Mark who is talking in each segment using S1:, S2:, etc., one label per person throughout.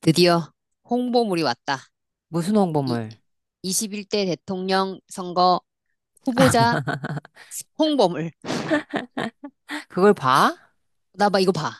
S1: 드디어 홍보물이 왔다.
S2: 무슨
S1: 이,
S2: 홍보물?
S1: 21대 대통령 선거 후보자 홍보물.
S2: 그걸 봐?
S1: 나 봐, 이거 봐.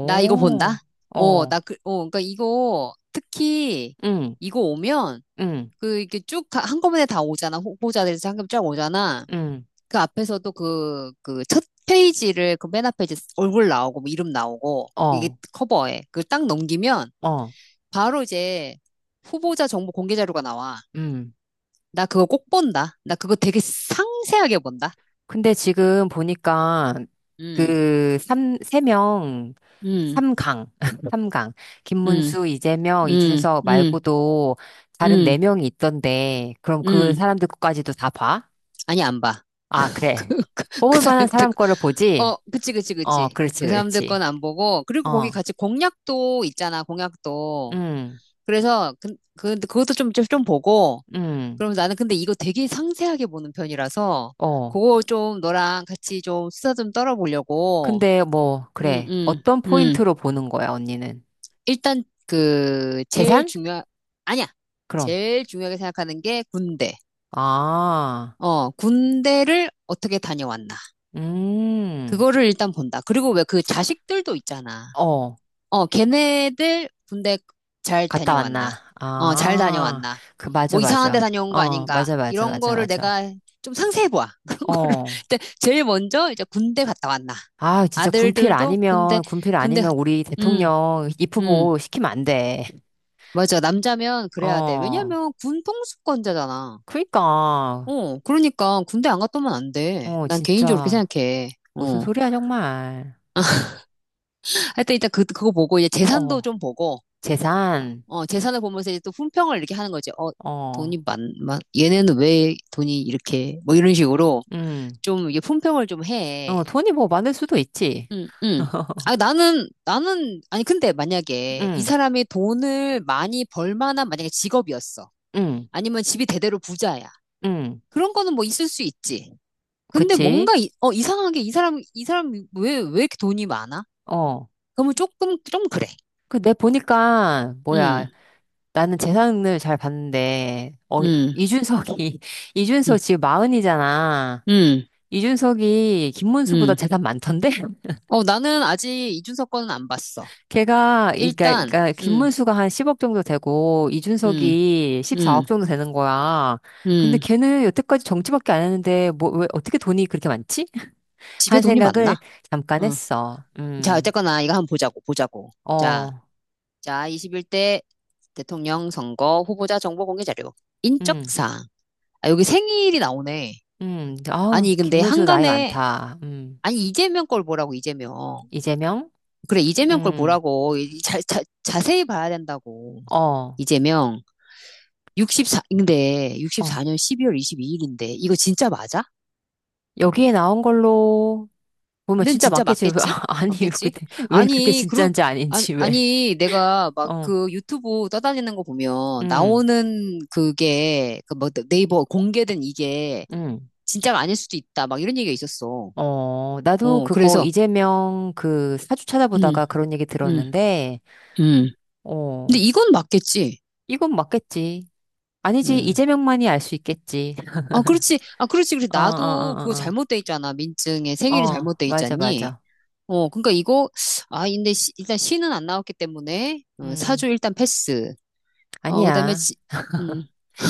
S1: 나 이거 본다.
S2: 어,
S1: 나 그, 그러니까 이거 특히
S2: 응,
S1: 이거 오면
S2: 응,
S1: 그 이렇게 쭉 한꺼번에 다 오잖아. 후보자들 한꺼번에 쫙 오잖아.
S2: 응,
S1: 그 앞에서도 그 첫 페이지를 그 맨 앞에 이제 얼굴 나오고 뭐 이름 나오고 이게
S2: 어,
S1: 커버에 그걸 딱 넘기면
S2: 어,
S1: 바로 이제 후보자 정보 공개 자료가 나와.
S2: 응.
S1: 나 그거 꼭 본다. 나 그거 되게 상세하게 본다.
S2: 근데 지금 보니까
S1: 음,
S2: 그 삼, 세 명,
S1: 음,
S2: 삼강, 삼강.
S1: 음,
S2: 김문수, 이재명,
S1: 음,
S2: 이준석
S1: 음,
S2: 말고도 다른 네
S1: 음,
S2: 명이 있던데, 그럼 그
S1: 음.
S2: 사람들 것까지도 다 봐?
S1: 아니, 안 봐.
S2: 아,
S1: 그,
S2: 그래.
S1: 그, 그
S2: 뽑을 만한
S1: 사람들,
S2: 사람 거를 보지?
S1: 그치, 그치,
S2: 어,
S1: 그치.
S2: 그렇지,
S1: 그 사람들 건
S2: 그렇지.
S1: 안 보고. 그리고 거기
S2: 어,
S1: 같이 공약도 있잖아, 공약도.
S2: 응,
S1: 그래서, 그것도 좀 보고.
S2: 응,
S1: 그럼 나는 근데 이거 되게 상세하게 보는 편이라서,
S2: 어.
S1: 그거 좀 너랑 같이 좀 수다 좀 떨어보려고.
S2: 근데 뭐,
S1: 음,
S2: 그래.
S1: 음,
S2: 어떤
S1: 음.
S2: 포인트로 보는 거야, 언니는?
S1: 일단 그 제일
S2: 재산?
S1: 중요 아니야.
S2: 그럼.
S1: 제일 중요하게 생각하는 게 군대.
S2: 아,
S1: 군대를 어떻게 다녀왔나.
S2: 음,
S1: 그거를 일단 본다. 그리고 왜 그 자식들도 있잖아.
S2: 어,
S1: 걔네들 군대 잘
S2: 갔다
S1: 다녀왔나.
S2: 왔나?
S1: 잘
S2: 아,
S1: 다녀왔나.
S2: 그, 맞아,
S1: 뭐 이상한 데
S2: 맞아.
S1: 다녀온 거
S2: 어,
S1: 아닌가.
S2: 맞아, 맞아,
S1: 이런
S2: 맞아,
S1: 거를
S2: 맞아.
S1: 내가 좀 상세히 봐. 그런 거를.
S2: 어.
S1: 근데 제일 먼저 이제 군대 갔다 왔나.
S2: 아, 진짜 군필
S1: 아들들도 군대,
S2: 아니면, 군필
S1: 군대,
S2: 아니면 우리
S1: 음,
S2: 대통령
S1: 음.
S2: 입후보 시키면 안 돼.
S1: 맞아. 남자면 그래야 돼.
S2: 어,
S1: 왜냐면 군 통수권자잖아.
S2: 그니까.
S1: 그러니까 군대 안 갔다 오면 안 돼.
S2: 어,
S1: 난 개인적으로 그렇게
S2: 진짜.
S1: 생각해.
S2: 무슨
S1: 어.
S2: 소리야, 정말. 응,
S1: 하여튼 일단 그거 보고 이제 재산도
S2: 어,
S1: 좀 보고,
S2: 재산.
S1: 재산을 보면서 이제 또 품평을 이렇게 하는 거지. 어,
S2: 어,
S1: 돈이 얘네는 왜 돈이 이렇게, 뭐 이런 식으로
S2: 응.
S1: 좀 이게 품평을 좀 해.
S2: 어, 돈이 뭐 많을 수도 있지.
S1: 응, 응. 아, 나는, 아니, 근데 만약에 이
S2: 응,
S1: 사람이 돈을 많이 벌 만한 만약에 직업이었어.
S2: 응,
S1: 아니면 집이 대대로 부자야.
S2: 응.
S1: 그런 거는 뭐 있을 수 있지. 근데
S2: 그치?
S1: 뭔가 이, 이상하게 이 사람 왜 이렇게 돈이 많아?
S2: 어.
S1: 그러면 조금 좀 그래.
S2: 그, 내 보니까,
S1: 응
S2: 뭐야. 나는 재산을 잘 봤는데, 어,
S1: 응
S2: 이준석이,
S1: 응
S2: 이준석 지금 마흔이잖아.
S1: 응.
S2: 이준석이 김문수보다
S1: 응.
S2: 재산 많던데?
S1: 나는 아직 이준석 거는 안 봤어.
S2: 걔가, 그러니까, 그니
S1: 일단,
S2: 까
S1: 응
S2: 김문수가 한 10억 정도 되고,
S1: 응
S2: 이준석이 14억
S1: 응
S2: 정도 되는 거야. 근데
S1: 응.
S2: 걔는 여태까지 정치밖에 안 했는데, 뭐, 왜, 어떻게 돈이 그렇게 많지?
S1: 집에
S2: 한
S1: 돈이 많나?
S2: 생각을 잠깐
S1: 어.
S2: 했어.
S1: 자
S2: 음.
S1: 어쨌거나 이거 한번 보자고 보자고. 자,
S2: 어,
S1: 자 21대 대통령 선거 후보자 정보 공개 자료
S2: 음,
S1: 인적사항. 아 여기 생일이 나오네.
S2: 아,
S1: 아니 근데
S2: 김문수 나이
S1: 한간에
S2: 많다.
S1: 아니 이재명 걸 보라고 이재명.
S2: 이재명?
S1: 그래, 이재명 걸
S2: 음,
S1: 보라고. 이 자세히 봐야 된다고.
S2: 어,
S1: 이재명. 근데
S2: 어.
S1: 64년 12월 22일인데 이거 진짜 맞아?
S2: 여기에 나온 걸로 보면
S1: 는
S2: 진짜
S1: 진짜
S2: 맞겠지.
S1: 맞겠지?
S2: 아, 아니,
S1: 맞겠지?
S2: 근데 왜 그게
S1: 아니, 그런
S2: 진짜인지
S1: 아니
S2: 아닌지 왜.
S1: 아니 내가 막
S2: 어,
S1: 그 유튜브 떠다니는 거 보면
S2: 음,
S1: 나오는 그게 그 뭐 네이버 공개된 이게
S2: 음.
S1: 진짜가 아닐 수도 있다. 막 이런 얘기가 있었어.
S2: 어, 나도 그거
S1: 그래서
S2: 이재명 그 사주
S1: 음,
S2: 찾아보다가 그런 얘기
S1: 음,
S2: 들었는데,
S1: 음. 근데
S2: 어,
S1: 이건 맞겠지.
S2: 이건 맞겠지. 아니지,
S1: 음.
S2: 이재명만이 알 수 있겠지.
S1: 아, 그렇지. 아, 그렇지. 그래.
S2: 어, 어,
S1: 나도 그거
S2: 어,
S1: 잘못돼 있잖아. 민증에
S2: 어, 어.
S1: 생일이
S2: 어,
S1: 잘못돼
S2: 맞아,
S1: 있잖니.
S2: 맞아.
S1: 그러니까 이거, 아, 근데 일단 시는 안 나왔기 때문에, 사주
S2: 음,
S1: 일단 패스. 그다음에,
S2: 아니야.
S1: 음,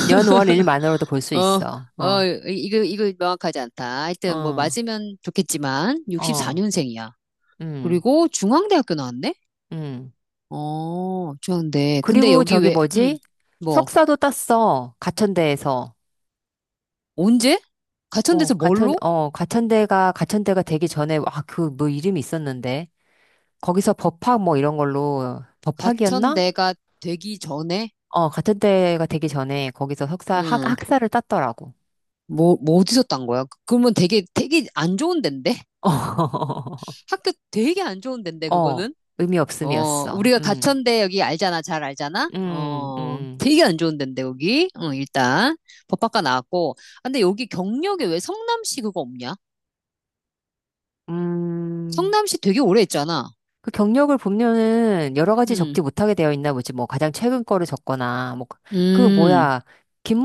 S2: 연월일만으로도 볼 수
S1: 어,
S2: 있어. 어,
S1: 이거 명확하지 않다. 하여튼 뭐
S2: 어,
S1: 맞으면 좋겠지만,
S2: 어,
S1: 64년생이야.
S2: 음,
S1: 그리고 중앙대학교 나왔네?
S2: 음.
S1: 어, 중앙대. 근데
S2: 그리고
S1: 여기
S2: 저기
S1: 왜,
S2: 뭐지?
S1: 뭐,
S2: 석사도 땄어. 가천대에서.
S1: 언제?
S2: 어,
S1: 가천대에서 뭘로?
S2: 가천대가, 가천대가 되기 전에, 아, 그 뭐 이름이 있었는데. 거기서 법학 뭐 이런 걸로, 법학이었나?
S1: 가천대가 되기 전에?
S2: 어, 가천대가 되기 전에 거기서
S1: 응.
S2: 학사를 땄더라고.
S1: 뭐 어디서 딴 거야? 그, 그러면 되게 안 좋은 데인데? 학교 되게 안 좋은 데인데,
S2: 어,
S1: 그거는?
S2: 의미
S1: 어,
S2: 없음이었어.
S1: 우리가 가천대 여기 알잖아, 잘 알잖아?
S2: 음,
S1: 어,
S2: 음,
S1: 되게 안 좋은 데인데, 여기? 어, 일단. 법학과 나왔고. 아, 근데 여기 경력에 왜 성남시 그거 없냐?
S2: 음.
S1: 성남시 되게 오래 했잖아.
S2: 그 경력을 보면은 여러 가지
S1: 음,
S2: 적지 못하게 되어 있나 보지. 뭐 가장 최근 거를 적거나 뭐 그
S1: 음,
S2: 뭐야,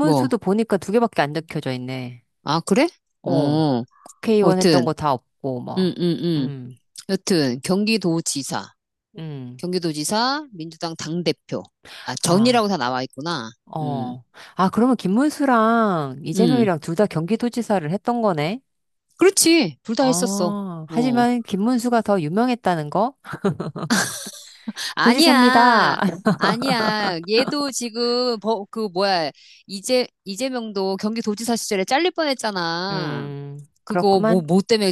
S1: 뭐.
S2: 보니까 두 개밖에 안 적혀져 있네.
S1: 아, 그래?
S2: 어,
S1: 어,
S2: 국회의원 했던
S1: 여튼,
S2: 거 다 없고
S1: 음,
S2: 뭐.
S1: 음, 음.
S2: 음,
S1: 여튼,
S2: 음,
S1: 경기도지사, 민주당 당대표. 아, 전이라고
S2: 아,
S1: 다 나와 있구나. 음.
S2: 어, 아, 그러면 김문수랑
S1: 음,
S2: 이재명이랑 둘 다 경기도지사를 했던 거네.
S1: 그렇지. 둘 다 했었어.
S2: 아,
S1: 어.
S2: 하지만 김문수가 더 유명했다는 거 도지사입니다.
S1: 아니야. 아니야. 얘도 지금, 그, 뭐야. 이재명도 경기도지사 시절에 잘릴 뻔했잖아.
S2: 음,
S1: 그거,
S2: 그렇구만.
S1: 뭐 때문에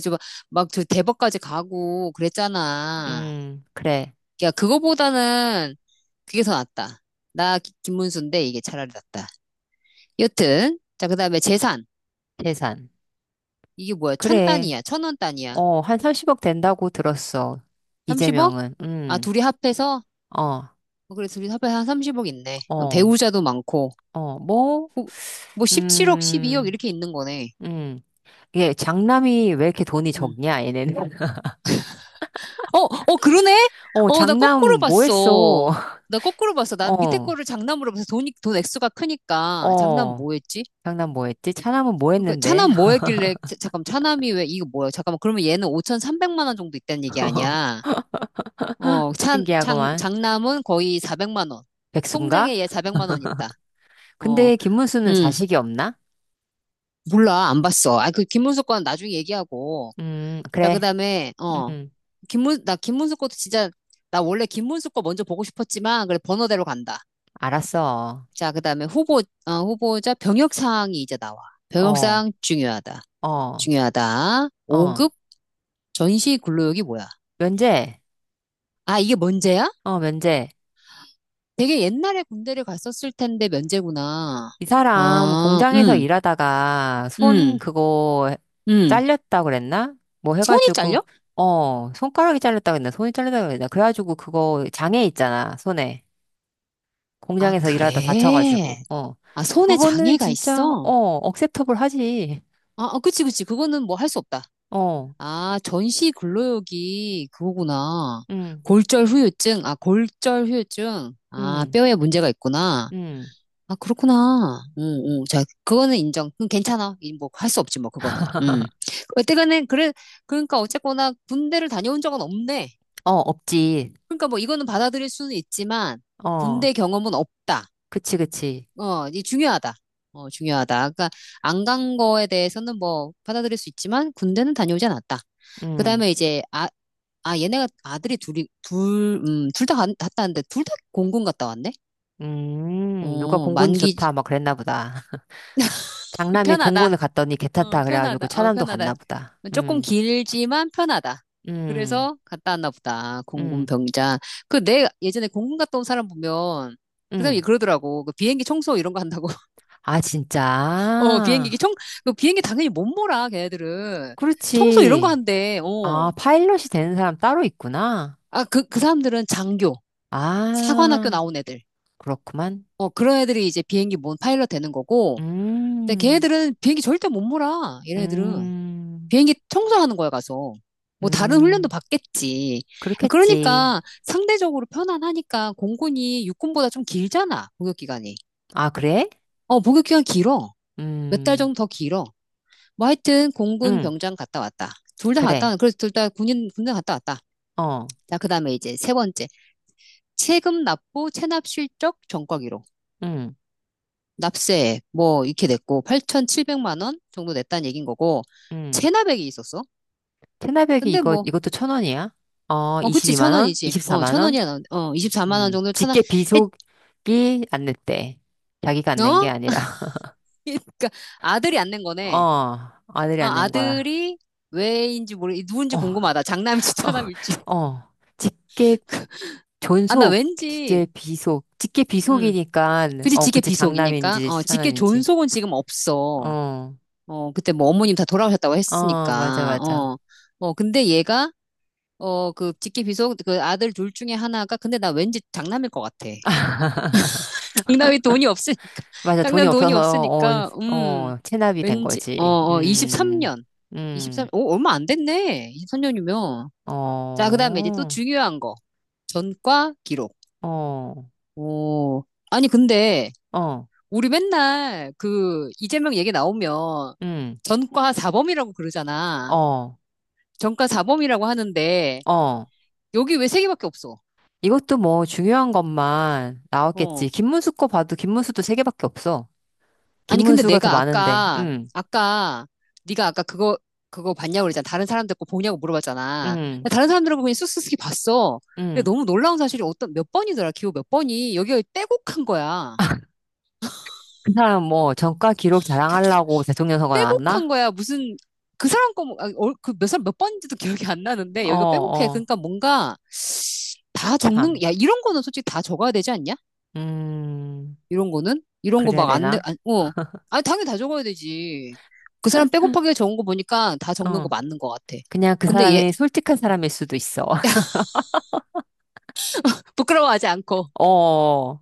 S1: 막, 저 대법까지 가고 그랬잖아.
S2: 음, 그래.
S1: 야, 그거보다는 그게 더 낫다. 나 김문수인데 이게 차라리 낫다. 여튼, 자, 그 다음에 재산.
S2: 재산.
S1: 이게 뭐야? 천
S2: 그래.
S1: 단위야. 천 원 단위야.
S2: 어, 한 30억 된다고 들었어.
S1: 30억?
S2: 이재명은.
S1: 아, 둘이 합해서?
S2: 어,
S1: 어, 그래, 둘이 합해서 한 30억 있네. 어,
S2: 어,
S1: 배우자도 많고.
S2: 어, 뭐,
S1: 어, 뭐 17억, 12억
S2: 음,
S1: 이렇게 있는 거네.
S2: 음. 이게 장남이 왜 이렇게 돈이
S1: 음.
S2: 적냐, 얘네는.
S1: 어, 어, 그러네?
S2: 어,
S1: 어, 나
S2: 장남
S1: 거꾸로
S2: 뭐 했어?
S1: 봤어. 나 거꾸로 봤어. 난 밑에
S2: 어,
S1: 거를 장남으로 봐서 돈이, 돈 액수가 크니까. 장남
S2: 어.
S1: 뭐였지?
S2: 장남 뭐 했지? 차남은 뭐
S1: 그러니까
S2: 했는데?
S1: 차남 뭐 했길래, 잠깐만, 차남이 왜, 이거 뭐야? 잠깐만, 그러면 얘는 5,300만 원 정도 있다는 얘기 아니야? 어,
S2: 신기하구만.
S1: 장남은 거의 400만 원.
S2: 백수인가?
S1: 통장에 얘 400만 원 있다. 어,
S2: 근데 김문수는
S1: 음,
S2: 자식이 없나?
S1: 몰라, 안 봤어. 아, 그 김문수 건 나중에 얘기하고. 자,
S2: 그래.
S1: 그다음에 어
S2: 음,
S1: 김문 나 김문수 것도 진짜 나 원래 김문수 거 먼저 보고 싶었지만 그래 번호대로 간다.
S2: 알았어.
S1: 자, 그다음에 후보 후보자 병역 사항이 이제 나와. 병역
S2: 어,
S1: 사항 중요하다.
S2: 어,
S1: 중요하다.
S2: 어.
S1: 5급 전시 근로역이 뭐야?
S2: 면제.
S1: 아, 이게 면제야?
S2: 어, 면제.
S1: 되게 옛날에 군대를 갔었을 텐데 면제구나.
S2: 이 사람
S1: 아,
S2: 공장에서 일하다가 손
S1: 음,
S2: 그거
S1: 음.
S2: 잘렸다 그랬나? 뭐
S1: 손이
S2: 해가지고,
S1: 잘려?
S2: 어, 손가락이 잘렸다 그랬나? 손이 잘렸다 그랬나? 그래가지고 그거 장애 있잖아, 손에.
S1: 아,
S2: 공장에서 일하다
S1: 그래.
S2: 다쳐가지고, 어.
S1: 아, 손에
S2: 그거는
S1: 장애가
S2: 진짜, 어,
S1: 있어?
S2: 억셉터블 하지.
S1: 아, 아, 그치, 그치. 그거는 뭐 할 수 없다.
S2: 어,
S1: 아, 전시 근로역이 그거구나.
S2: 응,
S1: 골절 후유증, 아, 골절 후유증.
S2: 응,
S1: 아, 뼈에 문제가 있구나.
S2: 응,
S1: 아, 그렇구나. 응, 응. 자, 그거는 인정. 그건 괜찮아. 이 뭐, 할 수 없지, 뭐, 그거는. 응. 어쨌거나, 그래, 그러니까 어쨌거나 군대를 다녀온 적은 없네.
S2: 어, 없지.
S1: 그러니까 뭐, 이거는 받아들일 수는 있지만,
S2: 어,
S1: 군대 경험은 없다.
S2: 그치, 그치.
S1: 어, 이 중요하다. 어, 중요하다. 그러니까 안 간 거에 대해서는 뭐 받아들일 수 있지만 군대는 다녀오지 않았다.
S2: 응,
S1: 그다음에 이제 아, 아 얘네가 아들이 둘이 둘, 둘 다 갔다 왔는데 둘 다 공군 갔다 왔네.
S2: 누가
S1: 어,
S2: 공군이
S1: 만기
S2: 좋다, 막 그랬나 보다. 장남이
S1: 편하다.
S2: 공군을 갔더니
S1: 어,
S2: 괜찮다 그래가지고
S1: 편하다. 어,
S2: 차남도
S1: 편하다.
S2: 갔나 보다.
S1: 조금 길지만 편하다.
S2: 음,
S1: 그래서 갔다 왔나 보다. 공군
S2: 음,
S1: 병장. 그 내 예전에 공군 갔다 온 사람 보면 그 사람이
S2: 음.
S1: 그러더라고. 그 비행기 청소 이런 거 한다고.
S2: 아,
S1: 어,
S2: 진짜?
S1: 그 비행기 당연히 못 몰아, 걔네들은. 청소 이런 거
S2: 그렇지.
S1: 한대,
S2: 아,
S1: 어.
S2: 파일럿이 되는 사람 따로 있구나.
S1: 아, 그 사람들은 장교, 사관학교
S2: 아,
S1: 나온 애들.
S2: 그렇구만.
S1: 어, 그런 애들이 이제 비행기 뭔 파일럿 되는 거고. 근데
S2: 음,
S1: 걔네들은 비행기 절대 못 몰아, 이런 애들은.
S2: 음,
S1: 비행기 청소하는 거야, 가서. 뭐 다른 훈련도
S2: 음.
S1: 받겠지.
S2: 그렇겠지.
S1: 그러니까 상대적으로 편안하니까 공군이 육군보다 좀 길잖아, 복역 기간이.
S2: 아, 그래?
S1: 어, 복역 기간 길어. 몇 달
S2: 음,
S1: 정도 더 길어. 뭐 하여튼 공군
S2: 음,
S1: 병장 갔다 왔다. 둘 다 갔다
S2: 그래.
S1: 왔 그래서 둘 다 군인 군대 갔다 왔다.
S2: 어,
S1: 자, 그다음에 이제 세 번째. 세금 납부 체납 실적 전과 기록.
S2: 음,
S1: 납세 뭐 이렇게 냈고 8,700만 원 정도 냈다는 얘긴 거고
S2: 음.
S1: 체납액이 있었어.
S2: 테나백이
S1: 근데
S2: 이거,
S1: 뭐
S2: 이것도 천 원이야? 어,
S1: 어, 그치,
S2: 22만
S1: 천
S2: 원?
S1: 원이지. 어,
S2: 24만
S1: 천
S2: 원?
S1: 원이야. 어, 24만 원 정도 천원
S2: 직계
S1: 했,
S2: 비속이 안 냈대. 자기가 안 낸 게
S1: 어?
S2: 아니라.
S1: 그러니까 아들이 안 낸 거네.
S2: 어, 아들이 안
S1: 아,
S2: 낸 거야.
S1: 아들이 왜인지 누군지
S2: 어,
S1: 궁금하다. 장남일지 차남일지.
S2: 어, 어. 직계
S1: 아, 나
S2: 존속, 직계
S1: 왠지,
S2: 비속. 직계
S1: 음.
S2: 비속이니까,
S1: 그치,
S2: 어,
S1: 직계
S2: 그치,
S1: 비속이니까.
S2: 장남인지,
S1: 어, 직계
S2: 차남인지.
S1: 존속은 지금 없어.
S2: 어,
S1: 어, 그때 뭐 어머님 다 돌아오셨다고
S2: 어, 맞아,
S1: 했으니까.
S2: 맞아.
S1: 어, 어, 근데 얘가, 어, 그 직계 비속, 그 아들 둘 중에 하나가, 근데 나 왠지 장남일 것 같아. 장남이 돈이 없으니까.
S2: 맞아, 돈이
S1: 장남 돈이
S2: 없어서,
S1: 없으니까,
S2: 어, 어, 체납이 된
S1: 왠지, 어,
S2: 거지.
S1: 어, 23년.
S2: 음,
S1: 23, 오, 얼마 안 됐네. 23년이면. 자,
S2: 어,
S1: 그 다음에 이제 또 중요한 거. 전과 기록.
S2: 어,
S1: 오, 아니, 근데,
S2: 어,
S1: 우리 맨날 그 이재명 얘기 나오면
S2: 음,
S1: 전과 사범이라고 그러잖아.
S2: 어,
S1: 전과 사범이라고 하는데
S2: 어.
S1: 여기 왜 세 개밖에 없어?
S2: 이것도 뭐 중요한 것만 나왔겠지.
S1: 어.
S2: 김문수 거 봐도 김문수도 세 개밖에 없어.
S1: 아니 근데
S2: 김문수가 더
S1: 내가
S2: 많은데,
S1: 아까
S2: 응,
S1: 아까 네가 아까 그거 봤냐고 그랬잖아. 다른 사람들 거 보냐고 물어봤잖아.
S2: 응,
S1: 근데 다른 사람들하고 그냥 쑥쑥히 봤어. 근데
S2: 응.
S1: 너무 놀라운 사실이 어떤 몇 번이더라. 기호 몇 번이 여기가 빼곡한 거야.
S2: 아, 그 사람 뭐 전과 기록 자랑하려고 대통령 선거
S1: 빼곡한
S2: 나왔나?
S1: 거야. 무슨 그 사람 거 그몇 사람 몇 번인지도 기억이 안 나는데
S2: 어,
S1: 여기가 빼곡해.
S2: 어,
S1: 그러니까 뭔가 다
S2: 참.
S1: 적는, 야, 이런 거는 솔직히 다 적어야 되지 않냐?
S2: 음,
S1: 이런 거는? 이런 거
S2: 그래야
S1: 막
S2: 되나?
S1: 안, 어. 아니, 당연히 다 적어야 되지. 그 사람 빼곡하게 적은 거 보니까 다 적는 거
S2: 어.
S1: 맞는 거 같아.
S2: 그냥 그
S1: 근데 얘,
S2: 사람이 솔직한 사람일 수도 있어.
S1: 부끄러워하지 않고.
S2: 어,